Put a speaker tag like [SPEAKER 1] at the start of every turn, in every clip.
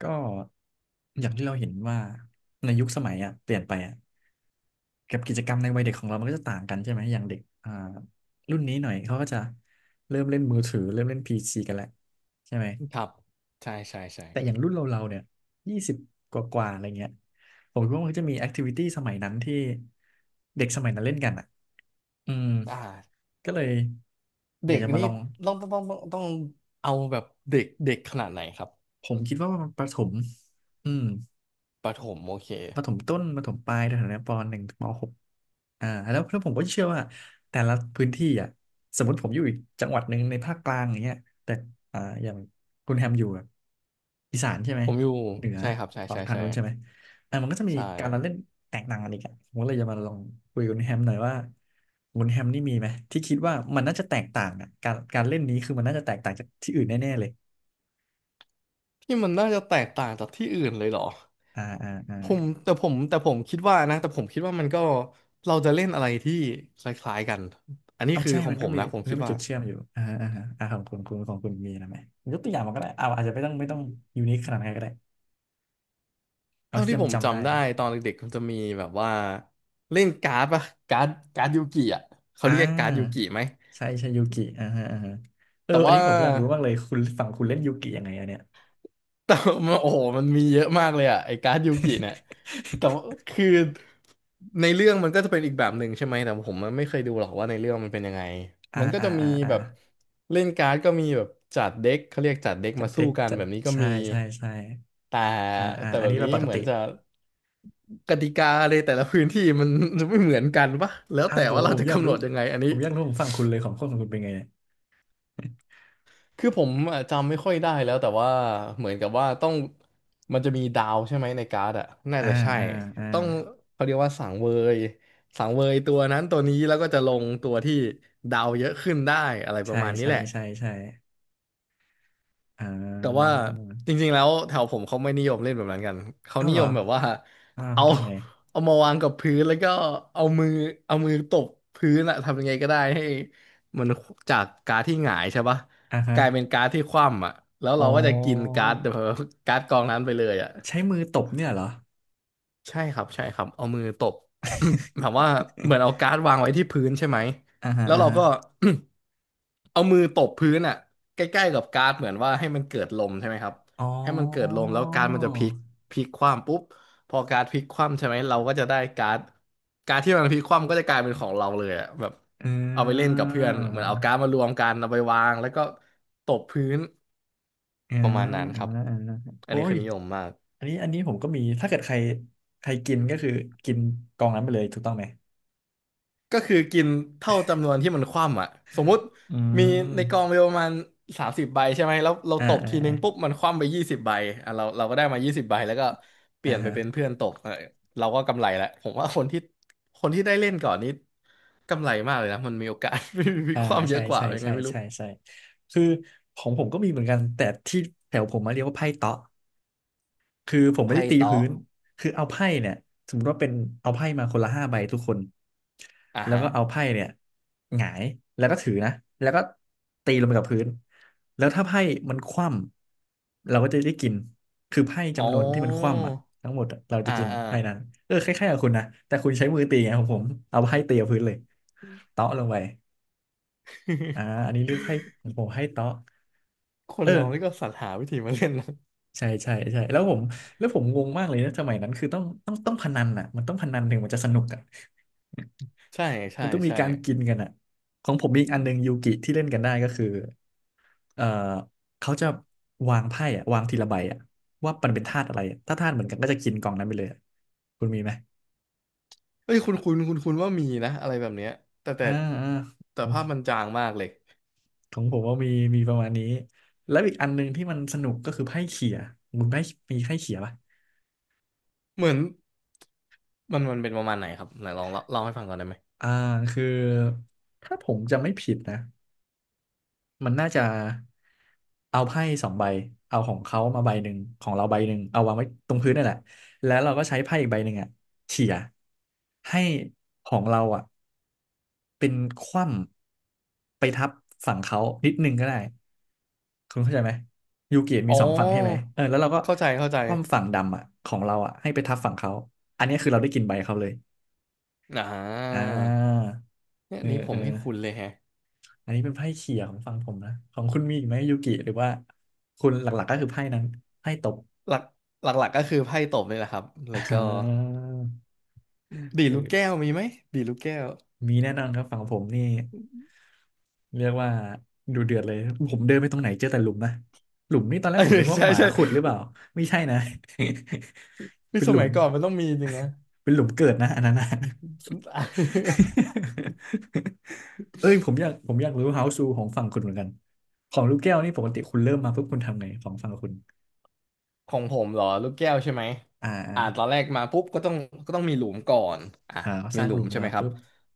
[SPEAKER 1] ก็อย่างที่เราเห็นว่าในยุคสมัยอ่ะเปลี่ยนไปอ่ะกับกิจกรรมในวัยเด็กของเรามันก็จะต่างกันใช่ไหมอย่างเด็กรุ่นนี้หน่อยเขาก็จะเริ่มเล่นมือถือเริ่มเล่นพีซีกันแหละใช่ไหม
[SPEAKER 2] ครับใช่ใช่ใช่
[SPEAKER 1] แต่อย่างรุ่นเราเนี่ยยี่สิบกว่าอะไรเงี้ยผมคิดว่ามันก็จะมีแอคทิวิตี้สมัยนั้นที่เด็กสมัยนั้นเล่นกันอ่ะอืม
[SPEAKER 2] อ่า
[SPEAKER 1] ก็เลยอ
[SPEAKER 2] เด็
[SPEAKER 1] ยาก
[SPEAKER 2] ก
[SPEAKER 1] จะมา
[SPEAKER 2] นี่
[SPEAKER 1] ลอง
[SPEAKER 2] ต้องเอาแบบเด็กเด็กขนาดไหนครับ
[SPEAKER 1] ผมคิดว่ามันประถมอืม
[SPEAKER 2] ประถมโอเค
[SPEAKER 1] ประถมต้นประถมปลายแถวๆเนี้ยปหนึ่งถึงมหก อ่าแล้วผมก็เชื่อว่าแต่ละพื้นที่อ่ะสมมติผมอยู่อีกจังหวัดหนึ่งในภาคกลางอย่างเงี้ยแต่อ่าอย่างคุณแฮมอยู่แบบอีสานใช่ไหม
[SPEAKER 2] ผมอยู่
[SPEAKER 1] เหนือ
[SPEAKER 2] ใช่ครับใช่
[SPEAKER 1] ตอน
[SPEAKER 2] ใช่
[SPEAKER 1] ทาง
[SPEAKER 2] ใช่
[SPEAKER 1] นู้นใช่ไหมอ่ามันก็จะมี
[SPEAKER 2] ใช่
[SPEAKER 1] การละเล่นแตกต่างกันอีกอ่ะผมก็เลยจะมาลองคุยกับคุณแฮมหน่อยว่าคุณแฮมนี่มีไหมที่คิดว่ามันน่าจะแตกต่างอ่ะการเล่นนี้คือมันน่าจะแตกต่างจากที่อื่นแน่ๆเลย
[SPEAKER 2] ที่มันน่าจะแตกต่างจากที่อื่นเลยเหรอ
[SPEAKER 1] อ่าอ่าอ่า
[SPEAKER 2] ผมแต่ผมคิดว่านะแต่ผมคิดว่ามันก็เราจะเล่นอะไรที่คล้ายๆกันอันนี้
[SPEAKER 1] เอา
[SPEAKER 2] คือ
[SPEAKER 1] ใช่
[SPEAKER 2] ขอ
[SPEAKER 1] มั
[SPEAKER 2] ง
[SPEAKER 1] น
[SPEAKER 2] ผ
[SPEAKER 1] ก็
[SPEAKER 2] ม
[SPEAKER 1] มี
[SPEAKER 2] นะผม
[SPEAKER 1] มัน
[SPEAKER 2] คิ
[SPEAKER 1] ก็
[SPEAKER 2] ด
[SPEAKER 1] มี
[SPEAKER 2] ว่า
[SPEAKER 1] จุดเชื่อมอยู่อ่าอ่าอ่าของคุณคุณของคุณมีนะไหมยกตัวอย่างมาก็ได้เอาอาจจะไม่ต้องไม่ต้องยูนิคขนาดนั้นก็ได้ เอา
[SPEAKER 2] เท่า
[SPEAKER 1] ที่
[SPEAKER 2] ที่ผ
[SPEAKER 1] จำ
[SPEAKER 2] ม
[SPEAKER 1] จำได้
[SPEAKER 2] จำได้
[SPEAKER 1] เลย
[SPEAKER 2] ตอนเด็กๆมันจะมีแบบว่าเล่นการ์ดปะการ์ดการ์ดยูกิอ่ะเขา
[SPEAKER 1] อ่
[SPEAKER 2] เรียกการ์ดยู
[SPEAKER 1] า
[SPEAKER 2] กิไหม
[SPEAKER 1] ใช่ใช่ยูกิอ่าฮะอ่าฮะเออ
[SPEAKER 2] แต่
[SPEAKER 1] อัน
[SPEAKER 2] ว่า
[SPEAKER 1] นี้ผมอยากรู้มากเลยคุณฝั่งคุณเล่นยูกิยังไงอะเนี่ย
[SPEAKER 2] แต่มันโอ้โหมันมีเยอะมากเลยอ่ะไอ้การ์ดยูกิเนี่ยแต่ว่า คือในเรื่องมันก็จะเป็นอีกแบบหนึ่งใช่ไหมแต่ผมไม่เคยดูหรอกว่าในเรื่องมันเป็นยังไง
[SPEAKER 1] อ่า
[SPEAKER 2] มันก็
[SPEAKER 1] อ่า
[SPEAKER 2] จะมี
[SPEAKER 1] อ่าอ่า
[SPEAKER 2] แบบเล่นการ์ดก็มีแบบจัดเด็กเขาเรียกจัดเด็ก
[SPEAKER 1] จัด
[SPEAKER 2] มา
[SPEAKER 1] เด็
[SPEAKER 2] สู้
[SPEAKER 1] ก
[SPEAKER 2] กัน
[SPEAKER 1] จัด
[SPEAKER 2] แบบนี้ก็
[SPEAKER 1] ใช่
[SPEAKER 2] มี
[SPEAKER 1] ใช่ใช่
[SPEAKER 2] แต่
[SPEAKER 1] อ่าอ่า
[SPEAKER 2] แต่
[SPEAKER 1] อั
[SPEAKER 2] แบ
[SPEAKER 1] น
[SPEAKER 2] บ
[SPEAKER 1] นี้เป็
[SPEAKER 2] นี้
[SPEAKER 1] นปก
[SPEAKER 2] เหมือ
[SPEAKER 1] ติ
[SPEAKER 2] นจะกติกาในแต่ละพื้นที่มัน จะไม่เหมือนกันปะแล้ว
[SPEAKER 1] อ่า
[SPEAKER 2] แต่
[SPEAKER 1] ผม
[SPEAKER 2] ว่าเรา
[SPEAKER 1] ผม
[SPEAKER 2] จะ
[SPEAKER 1] อยาก
[SPEAKER 2] กำหน
[SPEAKER 1] รู้
[SPEAKER 2] ดยังไงอัน
[SPEAKER 1] ผ
[SPEAKER 2] นี้
[SPEAKER 1] มอยากรู้ผมฝั่งคุณเลยของคนของคุณเป็นไงเนี่ย
[SPEAKER 2] คือผมอะจำไม่ค่อยได้แล้วแต่ว่าเหมือนกับว่าต้องมันจะมีดาวใช่ไหมในการ์ดอะน่า
[SPEAKER 1] อ่า
[SPEAKER 2] จะใช่
[SPEAKER 1] อ่าอ่า
[SPEAKER 2] ต้องเขาเรียกว่ายสังเวยตัวนั้นตัวนี้แล้วก็จะลงตัวที่ดาวเยอะขึ้นได้อะไรป
[SPEAKER 1] ใช่
[SPEAKER 2] ระมาณนี้
[SPEAKER 1] ใช่
[SPEAKER 2] แหละ
[SPEAKER 1] ใช่ใช่อ่
[SPEAKER 2] แต่ว่า
[SPEAKER 1] า
[SPEAKER 2] จริงๆแล้วแถวผมเขาไม่นิยมเล่นแบบนั้นกันเขา
[SPEAKER 1] เอ้า
[SPEAKER 2] นิ
[SPEAKER 1] เหร
[SPEAKER 2] ย
[SPEAKER 1] อ
[SPEAKER 2] มแบบว่า
[SPEAKER 1] อ่า
[SPEAKER 2] เอา
[SPEAKER 1] เขาทำไง
[SPEAKER 2] เอามาวางกับพื้นแล้วก็เอามือเอามือตบพื้นอะทำยังไงก็ได้ให้มันจากการ์ดที่หงายใช่ปะ
[SPEAKER 1] อ่าฮะ
[SPEAKER 2] กลายเป็นการ์ดที่คว่ำอะแล้ว
[SPEAKER 1] อ๋
[SPEAKER 2] เรา
[SPEAKER 1] อ
[SPEAKER 2] ก็จะกินการ์ดกองนั้นไปเลยอะ
[SPEAKER 1] ใช้มือตบเนี่ยเหรอ
[SPEAKER 2] ใช่ครับใช่ครับเอามือตบ แบบว่าเห มือนเอาการ์ดวางไว้ที่พื้นใช่ไหม
[SPEAKER 1] อ่าฮะ
[SPEAKER 2] แล้ว
[SPEAKER 1] อ่า
[SPEAKER 2] เรา
[SPEAKER 1] ฮะ
[SPEAKER 2] ก็ เอามือตบพื้นอ่ะใกล้ๆกับการ์ดเหมือนว่าให้มันเกิดลมใช่ไหมครับ
[SPEAKER 1] อ๋
[SPEAKER 2] ให้มันเกิดล
[SPEAKER 1] อ
[SPEAKER 2] มแล้วการ์ดมันจะพลิกคว่ำปุ๊บพอการ์ดพลิกคว่ำใช่ไหมเราก็จะได้การ์ดที่มันพลิกคว่ำก็จะกลายเป็นของเราเลยอ่ะแบบ
[SPEAKER 1] อ่
[SPEAKER 2] เอาไปเล่น
[SPEAKER 1] า
[SPEAKER 2] กับเพื่อนเหมือนเอาการ์ดมารวมกันเอาไปวางแล้วก็ตบพื้น
[SPEAKER 1] อ่า
[SPEAKER 2] ประมาณนั้น
[SPEAKER 1] อ่า
[SPEAKER 2] ครับ
[SPEAKER 1] อ่า
[SPEAKER 2] อัน
[SPEAKER 1] โอ้
[SPEAKER 2] นี้
[SPEAKER 1] ย
[SPEAKER 2] คือนิยมมาก
[SPEAKER 1] อันนี้อันนี้ผมก็มี ถ้าเกิดใครใครกินก็คือกินกองนั้นไปเลยถูกต้องไหม
[SPEAKER 2] ก็คือกินเท่าจำนวนที่มันคว่ำอ่ะสมมุติ
[SPEAKER 1] อื
[SPEAKER 2] มีในกอง
[SPEAKER 1] ม
[SPEAKER 2] มีประมาณ30 ใบใช่ไหมแล้วเรา
[SPEAKER 1] อ่า
[SPEAKER 2] ตบ
[SPEAKER 1] อ่า
[SPEAKER 2] ทีนึงปุ๊บมันคว่ำไปยี่สิบใบอ่ะเราก็ได้มายี่สิบใบแล้วก็เป
[SPEAKER 1] อ่า
[SPEAKER 2] ลี่ยน
[SPEAKER 1] อ่า
[SPEAKER 2] ไป
[SPEAKER 1] ฮะ
[SPEAKER 2] เป็นเพื่อนตบเออเราก็กำไรแหละผมว่าคนที่ได้เล่นก่อนนี้กำไรมากเลยนะมันมีโอกาส มี
[SPEAKER 1] อ่า
[SPEAKER 2] ความเย
[SPEAKER 1] ใช่
[SPEAKER 2] อะกว่า
[SPEAKER 1] ใช่
[SPEAKER 2] ยังไง
[SPEAKER 1] ใช่
[SPEAKER 2] ไม่รู้
[SPEAKER 1] ใช่ใช่คือของผมก็มีเหมือนกัน แต่ที่แถวผมมาเรียกว่าไพ่เต๊ะ คือผมไม่
[SPEAKER 2] ไพ่
[SPEAKER 1] ได้ตีพื้
[SPEAKER 2] เตาะ
[SPEAKER 1] นคือเอาไพ่เนี่ยสมมติว่าเป็นเอาไพ่มาคนละห้าใบทุกคน
[SPEAKER 2] อ่า
[SPEAKER 1] แล้ว
[SPEAKER 2] ฮะ
[SPEAKER 1] ก็เอาไพ่เนี่ยหงายแล้วก็ถือนะแล้วก็ตีลงไปกับพื้นแล้วถ้าไพ่มันคว่ำเราก็จะได้กินคือไพ่
[SPEAKER 2] อ๋อ
[SPEAKER 1] จำนวนที่มันคว่ำอ่ะทั้งหมดอะเราจะ
[SPEAKER 2] อ่า
[SPEAKER 1] กิน
[SPEAKER 2] อ่า
[SPEAKER 1] ไพ่นั้นเออคล้ายๆกับคุณนะแต่คุณใช้มือตีไงของผมเอาไพ่ตีกับพื้นเลยเตาะลงไปอ่าอันนี้เรียกไพ่ของผมให้เตาะ
[SPEAKER 2] คน
[SPEAKER 1] เออ
[SPEAKER 2] เรานี่ก็สรรหาวิธีมาเล่นนะ
[SPEAKER 1] ใช่ใช่ใช่แล้วผมงงมากเลยนะสมัยนั้นคือต้องต้องต้องพนันอ่ะมันต้องพนันถึงมันจะสนุกอ่ะ
[SPEAKER 2] ใช่ใช่
[SPEAKER 1] มันต้องมี
[SPEAKER 2] ใช่
[SPEAKER 1] การกินกันอ่ะของผมมีอีกอันหนึ่งยูกิที่เล่นกันได้ก็คือเอ่อเขาจะวางไพ่อ่ะวางทีละใบอ่ะว่ามันเป็นธาตุอะไรอะถ้าธาตุเหมือนกันก็จะกินกล่องนั้นไปเลยอะคุณมีไหม
[SPEAKER 2] เอ้ยคุณว่ามีนะอะไรแบบเนี้ยแต่แต่
[SPEAKER 1] อ่าอ่า
[SPEAKER 2] แต่
[SPEAKER 1] ของ
[SPEAKER 2] ภาพมันจางมากเลย
[SPEAKER 1] ผมว่ามีมีประมาณนี้แล้วอีกอันหนึ่งที่มันสนุกก็คือไพ่เขี่ยคุณไพ่มีไพ่เขี่ยปะ
[SPEAKER 2] เหมือนมันเป็นประมาณไหนครับไหนลองเล่าให้ฟังก่อนได้ไหม
[SPEAKER 1] อ่าคือถ้าผมจำไม่ผิดนะ มันน่าจะเอาไพ่สองใบเอาของเขามาใบหนึ่งของเราใบหนึ่งเอาวางไว้ตรงพื้นนั่นแหละแล้วเราก็ใช้ไพ่อีกใบหนึ่งอ่ะเฉี่ยให้ของเราอ่ะเป็นคว่ำไปทับฝั่งเขานิดนึงก็ได้คุณเข้าใจไหมยูกิมี
[SPEAKER 2] อ๋อ
[SPEAKER 1] สองฝั่งใช่ไหมเออแล้วเราก็
[SPEAKER 2] เข้าใจเข้าใจ
[SPEAKER 1] คว่ำฝั่งดำอ่ะของเราอ่ะให้ไปทับฝั่งเขาอันนี้คือเราได้กินใบเขาเลย
[SPEAKER 2] อ่
[SPEAKER 1] อ่
[SPEAKER 2] า
[SPEAKER 1] า
[SPEAKER 2] เนี่ย
[SPEAKER 1] เออ
[SPEAKER 2] นี้ผ
[SPEAKER 1] เอ
[SPEAKER 2] ม
[SPEAKER 1] อ
[SPEAKER 2] ให้คุณเลยแฮะ
[SPEAKER 1] อันนี้เป็นไพ่เขี่ยของฝั่งผมนะของคุณมีอีกไหมยูกิหรือว่าคุณหลักๆก็คือไพ่นั้นไพ่ตบ
[SPEAKER 2] หลักหลักก็คือไพ่ตบนี่แหละครับ
[SPEAKER 1] อ่
[SPEAKER 2] แล้วก็
[SPEAKER 1] า
[SPEAKER 2] ดีด
[SPEAKER 1] เอ
[SPEAKER 2] ลูก
[SPEAKER 1] อ
[SPEAKER 2] แก้วมีไหมดีดลูกแก้ว
[SPEAKER 1] มีแน่นอนครับฝั่งผมนี่เรียกว่าดูเดือดเลยผมเดินไปตรงไหนเจอแต่หลุมนะหลุมนี่ตอนแร
[SPEAKER 2] เอ
[SPEAKER 1] ก
[SPEAKER 2] อ
[SPEAKER 1] ผมนึกว่า
[SPEAKER 2] ใช่
[SPEAKER 1] หมา
[SPEAKER 2] ใช่
[SPEAKER 1] ขุดหรือเปล่าไม่ใช่นะ
[SPEAKER 2] นี่
[SPEAKER 1] เป็น
[SPEAKER 2] ส
[SPEAKER 1] หลุ
[SPEAKER 2] มั
[SPEAKER 1] ม
[SPEAKER 2] ยก่อนมันต้องมีจริงนะ
[SPEAKER 1] เป็นหลุมเกิดนะอันนั้นนะ เอ้ยผมอยากรู้ House Rule ของฝั่งคุณเหมือนกันของลูกแก้วนี่ปกติคุณเริ่มมาปุ๊บคุณทำไงของฝั่งคุณ
[SPEAKER 2] ของผมเหรอลูกแก้วใช่ไหม
[SPEAKER 1] อ่า
[SPEAKER 2] อ่าตอนแรกมาปุ๊บก็ต้องมีหลุมก่อนอ่ะ
[SPEAKER 1] อ่าอ่าส
[SPEAKER 2] มี
[SPEAKER 1] ร้าง
[SPEAKER 2] หลุ
[SPEAKER 1] หลุ
[SPEAKER 2] ม
[SPEAKER 1] ม
[SPEAKER 2] ใช่
[SPEAKER 1] มา
[SPEAKER 2] ไหมครับ
[SPEAKER 1] ปุ๊บ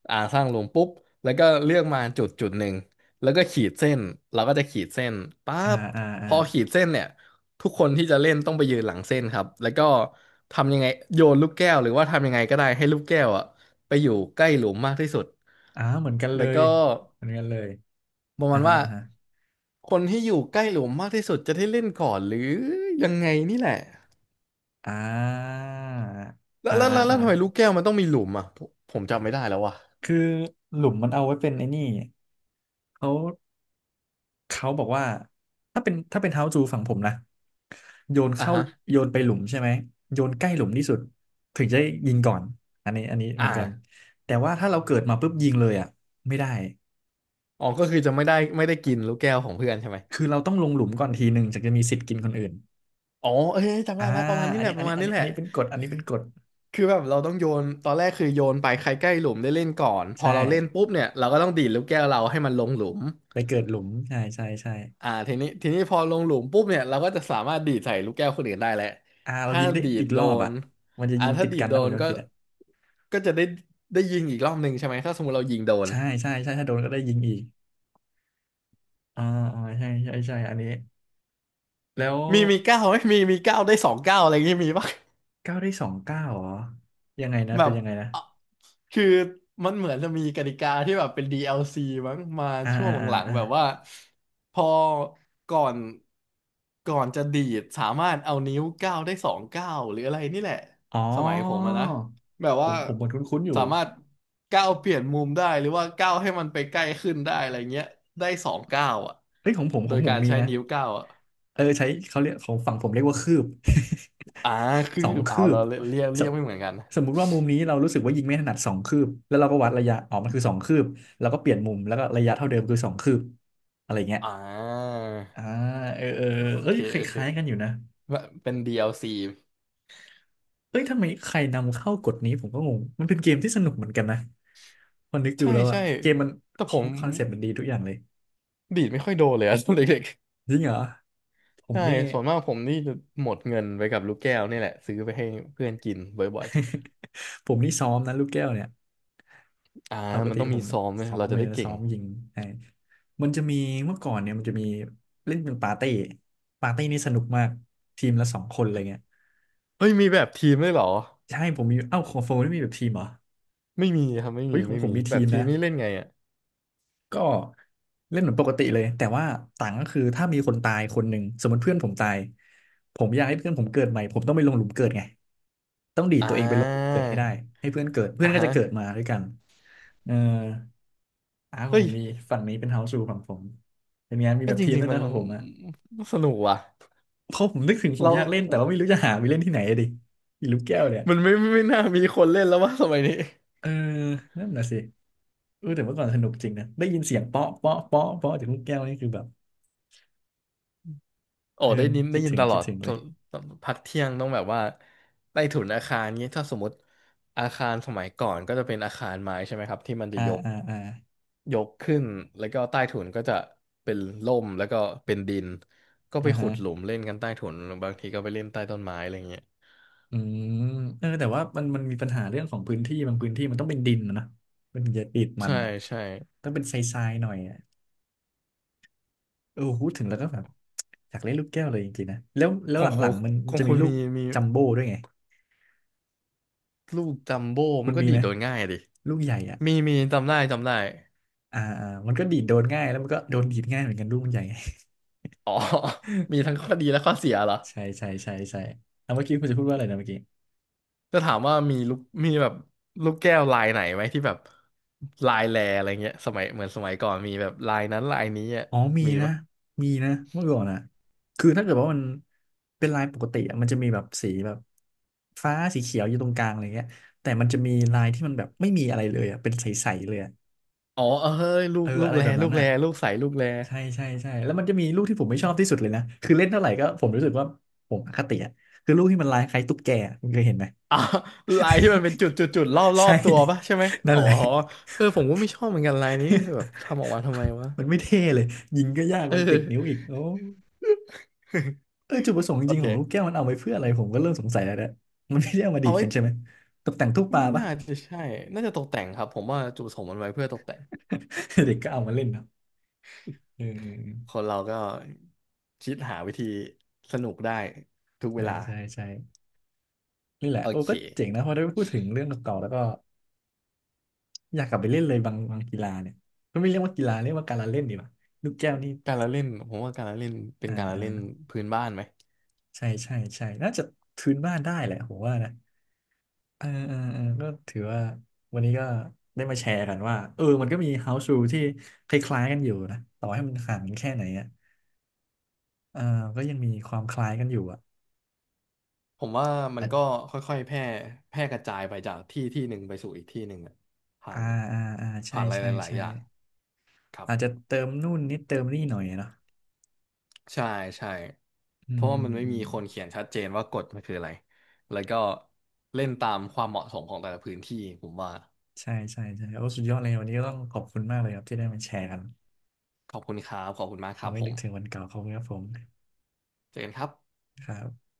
[SPEAKER 2] อ่าสร้างหลุมปุ๊บแล้วก็เลือกมาจุดจุดหนึ่งแล้วก็ขีดเส้นเราก็จะขีดเส้นปั๊
[SPEAKER 1] อ่า
[SPEAKER 2] บ
[SPEAKER 1] อ่า
[SPEAKER 2] พ
[SPEAKER 1] อ่า
[SPEAKER 2] อขีดเส้นเนี่ยทุกคนที่จะเล่นต้องไปยืนหลังเส้นครับแล้วก็ทำยังไงโยนลูกแก้วหรือว่าทำยังไงก็ได้ให้ลูกแก้วอ่ะไปอยู่ใกล้หลุมมากที่สุด
[SPEAKER 1] อ่าเหมือนกันเล
[SPEAKER 2] แล้ว
[SPEAKER 1] ย
[SPEAKER 2] ก็
[SPEAKER 1] เหมือนกันเลย
[SPEAKER 2] ประ
[SPEAKER 1] อ่า
[SPEAKER 2] มาณ
[SPEAKER 1] ฮะ
[SPEAKER 2] ว่า
[SPEAKER 1] อ่าฮะ
[SPEAKER 2] คนที่อยู่ใกล้หลุมมากที่สุดจะได้เล่นก่อนหรือยังไงนี่แหละ
[SPEAKER 1] อ่า
[SPEAKER 2] แล้ว
[SPEAKER 1] อ่า
[SPEAKER 2] แล้ว
[SPEAKER 1] อ่า
[SPEAKER 2] แล้วแล้ว
[SPEAKER 1] อ่า
[SPEAKER 2] ทำไมลูกแก้วมันต้องมีหลุมอ่ะผมจำไม่ได้แล้วว่ะ
[SPEAKER 1] คือหลุมมันเอาไว้เป็นไอ้นี่เขาเขาบอกว่าถ้าเป็นถ้าเป็นเฮาจูฝั่งผมนะโยน
[SPEAKER 2] อ่ะ
[SPEAKER 1] เข้า
[SPEAKER 2] ฮะ
[SPEAKER 1] โยนไปหลุมใช่ไหมโยนใกล้หลุมที่สุดถึงจะยิงก่อนอันนี้อันนี้เห
[SPEAKER 2] อ่า
[SPEAKER 1] มือนกันแต่ว่าถ้าเราเกิดมาปุ๊บยิงเลยอ่ะไม่ได้
[SPEAKER 2] อ๋อก็คือจะไม่ได้กินลูกแก้วของเพื่อนใช่ไหม
[SPEAKER 1] คือเราต้องลงหลุมก่อนทีหนึ่งถึงจะมีสิทธิ์กินคนอื่น
[SPEAKER 2] อ๋อเอ้ยจำ
[SPEAKER 1] อ่า
[SPEAKER 2] ได้แล้วประมาณนี้
[SPEAKER 1] อัน
[SPEAKER 2] แหละ
[SPEAKER 1] นี้
[SPEAKER 2] ป
[SPEAKER 1] อัน
[SPEAKER 2] ระ
[SPEAKER 1] นี้
[SPEAKER 2] มาณ
[SPEAKER 1] อัน
[SPEAKER 2] นี้
[SPEAKER 1] นี้
[SPEAKER 2] แห
[SPEAKER 1] อั
[SPEAKER 2] ละ
[SPEAKER 1] นนี้เป็นกฎอันนี้เป็นกฎ
[SPEAKER 2] คือแบบเราต้องโยนตอนแรกคือโยนไปใครใกล้หลุมได้เล่นก่อนพ
[SPEAKER 1] ใช่
[SPEAKER 2] อเราเล่นปุ๊บเนี่ยเราก็ต้องดีดลูกแก้วเราให้มันลงหลุม
[SPEAKER 1] ไปเกิดหลุมใช่ใช่ใช่
[SPEAKER 2] อ่าทีนี้พอลงหลุมปุ๊บเนี่ยเราก็จะสามารถดีดใส่ลูกแก้วคนอื่นได้แหละ
[SPEAKER 1] อ่าเรา
[SPEAKER 2] ถ้า
[SPEAKER 1] ยิงได้
[SPEAKER 2] ดี
[SPEAKER 1] อี
[SPEAKER 2] ด
[SPEAKER 1] ก
[SPEAKER 2] โด
[SPEAKER 1] รอบ
[SPEAKER 2] น
[SPEAKER 1] อ่ะมันจะยิง
[SPEAKER 2] ถ้า
[SPEAKER 1] ติด
[SPEAKER 2] ดี
[SPEAKER 1] กั
[SPEAKER 2] ด
[SPEAKER 1] น
[SPEAKER 2] โด
[SPEAKER 1] นะผม
[SPEAKER 2] น
[SPEAKER 1] จำไม่
[SPEAKER 2] ก็
[SPEAKER 1] ผิดอ่ะ
[SPEAKER 2] ก็จะได้ยิงอีกรอบหนึ่งใช่ไหมถ้าสมมติเรายิงโดน
[SPEAKER 1] ใช่ใช่ใช่ถ้าโดนก็ได้ยิงอีกอ่าอ่าใช่ใช่ใช่อันนี้แล้ว
[SPEAKER 2] มีมีเก้าไหมมีมีเก้าได้สองเก้าอะไรอย่างงี้มีปะ
[SPEAKER 1] เก้าได้สองเก้าเหรอยังไงนะ
[SPEAKER 2] แบ
[SPEAKER 1] เป็น
[SPEAKER 2] บ
[SPEAKER 1] ยังไงนะ
[SPEAKER 2] อ่ะคือมันเหมือนจะมีกติกาที่แบบเป็น DLC มั้งมา
[SPEAKER 1] อ่า
[SPEAKER 2] ช่ว
[SPEAKER 1] อ่า
[SPEAKER 2] ง
[SPEAKER 1] อ่า
[SPEAKER 2] หลัง
[SPEAKER 1] อ่า
[SPEAKER 2] ๆแบบว่าพอก่อนก่อนจะดีดสามารถเอานิ้วเก้าได้สองเก้าหรืออะไรนี่แหละ
[SPEAKER 1] อ๋อ
[SPEAKER 2] สมัยผมอะนะแบบ
[SPEAKER 1] ผ
[SPEAKER 2] ว่า
[SPEAKER 1] มผมเหมันคุ้นๆอยู่
[SPEAKER 2] สามารถก้าวเปลี่ยนมุมได้หรือว่าก้าวให้มันไปใกล้ขึ้นได้อะไรเงี้ยได้สองก้าวอ่ะ
[SPEAKER 1] เฮ้ยของผมข
[SPEAKER 2] โด
[SPEAKER 1] อง
[SPEAKER 2] ย
[SPEAKER 1] ผม
[SPEAKER 2] การ
[SPEAKER 1] มี
[SPEAKER 2] ใช้
[SPEAKER 1] นะ
[SPEAKER 2] นิ้วก้าวอ่ะ
[SPEAKER 1] เออใช้เขาเรียกของฝั่งผมเรียกว่าคืบ
[SPEAKER 2] อ่าคื อ
[SPEAKER 1] สอง
[SPEAKER 2] เอา
[SPEAKER 1] คืบ
[SPEAKER 2] เราเรียก
[SPEAKER 1] ส
[SPEAKER 2] เรียกไม่เหมือนกัน
[SPEAKER 1] มมุติว่ามุมนี้เรารู้สึกว่ายิงไม่ถนัดสองคืบแล้วเราก็วัดระยะอ๋อกมันคือสองคืบแล้วก็เปลี่ยนมุมแล้วก็ระยะเท่าเดิมคือสองคืบอะไรเงี้ย
[SPEAKER 2] อ่า
[SPEAKER 1] อ่าเออเออ
[SPEAKER 2] โอ
[SPEAKER 1] เอ้
[SPEAKER 2] เค
[SPEAKER 1] ยค
[SPEAKER 2] โอเค
[SPEAKER 1] ล้ายๆกันอยู่นะ
[SPEAKER 2] แบบเป็น DLC
[SPEAKER 1] เอ้ยทำไมใครนำเข้ากฎนี้ผมก็งงมันเป็นเกมที่สนุกเหมือนกันนะพอนึกดู
[SPEAKER 2] ใช่
[SPEAKER 1] แล้วอะ
[SPEAKER 2] ใช่
[SPEAKER 1] เกมมัน
[SPEAKER 2] แต่ผม
[SPEAKER 1] คอนเซ็ปต์มันดีทุกอย่างเลย
[SPEAKER 2] ดีดไม่ค่อยโดนเลยอะ ตอนเด็ก
[SPEAKER 1] จริงเหรอผ
[SPEAKER 2] ๆ
[SPEAKER 1] ม
[SPEAKER 2] ใช่
[SPEAKER 1] นี่
[SPEAKER 2] ส่วนมากผมนี่จะหมดเงินไปกับลูกแก้วนี่แหละซื้อไปให้เพื่อนกินบ่อย
[SPEAKER 1] ผมนี่ซ้อมนะลูกแก้วเนี่ย
[SPEAKER 2] ๆอ่า
[SPEAKER 1] ปก
[SPEAKER 2] มัน
[SPEAKER 1] ติ
[SPEAKER 2] ต้อง
[SPEAKER 1] ผ
[SPEAKER 2] มี
[SPEAKER 1] ม
[SPEAKER 2] ซ้อมไหม
[SPEAKER 1] ซ้อ
[SPEAKER 2] เรา
[SPEAKER 1] ม
[SPEAKER 2] จะ
[SPEAKER 1] เลย
[SPEAKER 2] ได้
[SPEAKER 1] นะ
[SPEAKER 2] เก่
[SPEAKER 1] ซ้
[SPEAKER 2] ง
[SPEAKER 1] อมยิงไอ้มันจะมีเมื่อก่อนเนี่ยมันจะมีเล่นเป็นปาร์ตี้ปาร์ตี้นี่สนุกมากทีมละสองคนอะไรเงี้ย
[SPEAKER 2] เฮ้ยมีแบบทีมด้วยเหรอ
[SPEAKER 1] ใช่ผมมีเอ้าของโฟนี่มีแบบทีมเหรอ
[SPEAKER 2] ไม่มีครับไม่
[SPEAKER 1] เฮ้
[SPEAKER 2] มี
[SPEAKER 1] ยของ
[SPEAKER 2] ไม่
[SPEAKER 1] ผม
[SPEAKER 2] มี
[SPEAKER 1] มี
[SPEAKER 2] แบ
[SPEAKER 1] ที
[SPEAKER 2] บ
[SPEAKER 1] ม
[SPEAKER 2] ที
[SPEAKER 1] นะ
[SPEAKER 2] มนี่เล่นไงอ่ะ
[SPEAKER 1] ก็เล่นเหมือนปกติเลยแต่ว่าต่างก็คือถ้ามีคนตายคนหนึ่งสมมติเพื่อนผมตายผมอยากให้เพื่อนผมเกิดใหม่ผมต้องไปลงหลุมเกิดไงต้องดีด
[SPEAKER 2] อ่
[SPEAKER 1] ตัวเองไปลงหลุมเกิดให้ได้
[SPEAKER 2] า
[SPEAKER 1] ให้เพื่อนเกิดเพื่อ
[SPEAKER 2] อ่า
[SPEAKER 1] นก็จะ
[SPEAKER 2] ฮะ
[SPEAKER 1] เกิดมาด้วยกันเออ อ่าของ
[SPEAKER 2] เฮ้
[SPEAKER 1] ผ
[SPEAKER 2] ย
[SPEAKER 1] มมีฝั่งนี้เป็นเฮาส์รูฝั่งผมเป็นไงานมี
[SPEAKER 2] ก็
[SPEAKER 1] แบบ
[SPEAKER 2] จ
[SPEAKER 1] ทีม
[SPEAKER 2] ริ
[SPEAKER 1] ด้
[SPEAKER 2] ง
[SPEAKER 1] วย
[SPEAKER 2] ๆมั
[SPEAKER 1] นะ
[SPEAKER 2] น
[SPEAKER 1] ของผมอะ
[SPEAKER 2] สนุกว่ะ
[SPEAKER 1] เพราะผมนึกถึงผม
[SPEAKER 2] เรา
[SPEAKER 1] อยากเล่นแต่ว่าไม่รู้จะหาไปเล่นที่ไหนอะดิอีลูกแก้วเนี่ย
[SPEAKER 2] มันไม่น่ามีคนเล่นแล้วว่าสมัยนี้
[SPEAKER 1] เออนั่นน่ะสิเออแต่เมื่อก่อนสนุกจริงนะได้ยินเสียงเปาะเปาะเปาะเปาะจากลูกแก้วนี่คือแบบ
[SPEAKER 2] โอ้
[SPEAKER 1] เออ
[SPEAKER 2] ได้ยิน
[SPEAKER 1] คิ
[SPEAKER 2] ได้
[SPEAKER 1] ด
[SPEAKER 2] ยิน
[SPEAKER 1] ถึง
[SPEAKER 2] ตล
[SPEAKER 1] คิ
[SPEAKER 2] อ
[SPEAKER 1] ด
[SPEAKER 2] ด
[SPEAKER 1] ถึง
[SPEAKER 2] ต
[SPEAKER 1] เลย
[SPEAKER 2] ตพักเที่ยงต้องแบบว่าใต้ถุนอาคารเงี้ยถ้าสมมติอาคารสมัยก่อนก็จะเป็นอาคารไม้ใช่ไหมครับที่มันจะ
[SPEAKER 1] อ่า
[SPEAKER 2] ยก
[SPEAKER 1] อ่าอ่า
[SPEAKER 2] ยกขึ้นแล้วก็ใต้ถุนก็จะเป็นร่มแล้วก็เป็นดินก็
[SPEAKER 1] อ่า
[SPEAKER 2] ไปขุ
[SPEAKER 1] ฮะ
[SPEAKER 2] ดหลุมเล่นกันใต้ถุนบางทีก็ไปเล่นใต้ต้นไม้อะไรเงี้ย
[SPEAKER 1] อืมเออแต่ว่ามันมีปัญหาเรื่องของพื้นที่บางพื้นที่มันต้องเป็นดินนะนะมันอย่ติดมัน
[SPEAKER 2] ใช่
[SPEAKER 1] อ่ะ
[SPEAKER 2] ใช่
[SPEAKER 1] ต้องเป็นทรายๆหน่อยอ่ะเออพูดถึงแล้วก็แบบ อยากเล่นลูกแก้วเลยจริงๆนะแล้วแล้
[SPEAKER 2] ข
[SPEAKER 1] ว
[SPEAKER 2] อ
[SPEAKER 1] ห
[SPEAKER 2] งขอ
[SPEAKER 1] ลั
[SPEAKER 2] ง
[SPEAKER 1] งๆมัน
[SPEAKER 2] ของ
[SPEAKER 1] จะมี
[SPEAKER 2] คุณ
[SPEAKER 1] ลู
[SPEAKER 2] มี
[SPEAKER 1] ก
[SPEAKER 2] มี
[SPEAKER 1] จัมโบ้ด้วยไง
[SPEAKER 2] ลูกจัมโบ้
[SPEAKER 1] คุ
[SPEAKER 2] มั
[SPEAKER 1] ณ
[SPEAKER 2] นก็
[SPEAKER 1] มี
[SPEAKER 2] ดี
[SPEAKER 1] ไหม
[SPEAKER 2] ดโดนง่ายดิ
[SPEAKER 1] ลูกใหญ่อ่ะ
[SPEAKER 2] มีมีจำได้จำได้
[SPEAKER 1] อ่าอ่ามันก็ดีดโดนง่ายแล้วมันก็โดนดีดง่ายเหมือนกันลูกมันใหญ่ไง
[SPEAKER 2] อ๋อ มีทั้งข้อดีและข้อเสียเหรอ
[SPEAKER 1] ใช่ใช่ใช่ใช่เอาเมื่อกี้คุณจะพูดว่าอะไรนะเมื่อกี้
[SPEAKER 2] จะถามว่ามีลูกมีแบบลูกแก้วลายไหนไหมที่แบบลายแลอะไรเงี้ยสมัยเหมือนสมัยก่อนมีแบบลายนั้นลายนี้อ่ะ
[SPEAKER 1] อ๋อมี
[SPEAKER 2] มี
[SPEAKER 1] นะ
[SPEAKER 2] ปะ
[SPEAKER 1] มีนะเมื่อก่อนอ่ะคือถ้าเกิดว่ามันเป็นลายปกติอะมันจะมีแบบสีแบบฟ้าสีเขียวอยู่ตรงกลางอะไรเงี้ยแต่มันจะมีลายที่มันแบบไม่มีอะไรเลยอ่ะเป็นใสๆเลยอะ
[SPEAKER 2] อ๋อเออเฮ้ยลู
[SPEAKER 1] เอ
[SPEAKER 2] ก
[SPEAKER 1] อ
[SPEAKER 2] ลู
[SPEAKER 1] อะ
[SPEAKER 2] ก
[SPEAKER 1] ไร
[SPEAKER 2] แล
[SPEAKER 1] แบบ
[SPEAKER 2] ลู
[SPEAKER 1] นั้น
[SPEAKER 2] กแล
[SPEAKER 1] อ่ะ
[SPEAKER 2] ลูกใสลูกแล
[SPEAKER 1] ใช่ใช่ใช่แล้วมันจะมีลูกที่ผมไม่ชอบที่สุดเลยนะคือเล่นเท่าไหร่ก็ผมรู้สึกว่าผมอคติอ่ะคือลูกที่มันลายคล้ายตุ๊กแกอะคุณเคยเห็นไหม
[SPEAKER 2] อ่ะลายที่มันเป็นจุดจุดจุดรอบรอ
[SPEAKER 1] ใช่
[SPEAKER 2] บตัวปะใช่ไหม
[SPEAKER 1] นั่
[SPEAKER 2] อ๋
[SPEAKER 1] น
[SPEAKER 2] อ
[SPEAKER 1] แหละ
[SPEAKER 2] เออผมก็ไม่ชอบเหมือนกันลายนี้แบบทำออกมาทำไมวะ
[SPEAKER 1] มันไม่เท่เลยยิงก็ยาก
[SPEAKER 2] เอ
[SPEAKER 1] มั
[SPEAKER 2] อ
[SPEAKER 1] นติดนิ้วอีกโอ้ เออจุดประสงค์จ
[SPEAKER 2] โอ
[SPEAKER 1] ริงๆของลูกแก้ว
[SPEAKER 2] เค
[SPEAKER 1] มันเอาไว้เพื่ออะไรผมก็เริ่มสงสัยแล้วนะมันไม่ได้เอามาดี
[SPEAKER 2] เอา
[SPEAKER 1] ด
[SPEAKER 2] ไว้
[SPEAKER 1] กันใช่ไหมตกแต่งตู้ปลา
[SPEAKER 2] ไม่
[SPEAKER 1] ปะ
[SPEAKER 2] น่าจะใช่น่าจะตกแต่งครับผมว่าจุดประสงค์มันไว้เพื่อตกแต่ง
[SPEAKER 1] เด็กก็เอามาเล่นเนาะเอ
[SPEAKER 2] ค
[SPEAKER 1] อ
[SPEAKER 2] นเราก็คิดหาวิธีสนุกได้ทุกเว
[SPEAKER 1] ใช่
[SPEAKER 2] ลา
[SPEAKER 1] ใช่ใช่นี่แหละ
[SPEAKER 2] โอ
[SPEAKER 1] โอ้
[SPEAKER 2] เค
[SPEAKER 1] ก็เจ๋งนะพอได้พูดถึงเรื่องเก่าๆแล้วก็ อยากกลับไปเล่นเลยบางกีฬาเนี่ยก็ไม่เรียกว่ากีฬาเรียกว่าการละเล่นดีกว่าลูกแก้วนี่
[SPEAKER 2] การละเล่นผมว่าการละเล่นเป็น
[SPEAKER 1] อ่า
[SPEAKER 2] การละ
[SPEAKER 1] อ่า
[SPEAKER 2] เล่นพื้นบ้านไหม
[SPEAKER 1] ใช่ใช่ใช่น่าจะทืนบ้านได้แหละผมว่านะเออเออเออก็ถือว่าวันนี้ก็ได้มาแชร์กันว่าเออมันก็มี house rule ที่คล้ายๆกันอยู่นะต่อให้มันห่างกันแค่ไหนอ่ะเออก็ยังมีความคล้ายกันอยู่อ่ะ
[SPEAKER 2] ผมว่ามัน
[SPEAKER 1] อ่ะ
[SPEAKER 2] ก็ค่อยๆแพร่กระจายไปจากที่ที่หนึ่งไปสู่อีกที่หนึ่งอะผ่า
[SPEAKER 1] อ่า
[SPEAKER 2] น
[SPEAKER 1] อ่าอ่าใช่
[SPEAKER 2] ผ่านอะไร
[SPEAKER 1] ใช่
[SPEAKER 2] หลาย
[SPEAKER 1] ใช่
[SPEAKER 2] ๆอย่างครับ
[SPEAKER 1] อาจจะเติมนู่นนิดเติมนี่หน่อยอะเนาะ
[SPEAKER 2] ใช่ใช่
[SPEAKER 1] อื
[SPEAKER 2] เพ
[SPEAKER 1] ม
[SPEAKER 2] ราะว่า
[SPEAKER 1] อื
[SPEAKER 2] มั
[SPEAKER 1] ม
[SPEAKER 2] นไม่
[SPEAKER 1] อื
[SPEAKER 2] มี
[SPEAKER 1] ม
[SPEAKER 2] คนเขียนชัดเจนว่ากฎมันคืออะไรแล้วก็เล่นตามความเหมาะสมของแต่ละพื้นที่ผมว่า
[SPEAKER 1] ใช่ใช่ใช่โอ้สุดยอดเลยวันนี้ก็ต้องขอบคุณมากเลยครับที่ได้มาแชร์กัน
[SPEAKER 2] ขอบคุณครับขอบคุณมากค
[SPEAKER 1] เรา
[SPEAKER 2] รับ
[SPEAKER 1] ไม่
[SPEAKER 2] ผ
[SPEAKER 1] นึ
[SPEAKER 2] ม
[SPEAKER 1] กถึงวันเก่าเของครับผม
[SPEAKER 2] เจอกันครับ
[SPEAKER 1] ครับ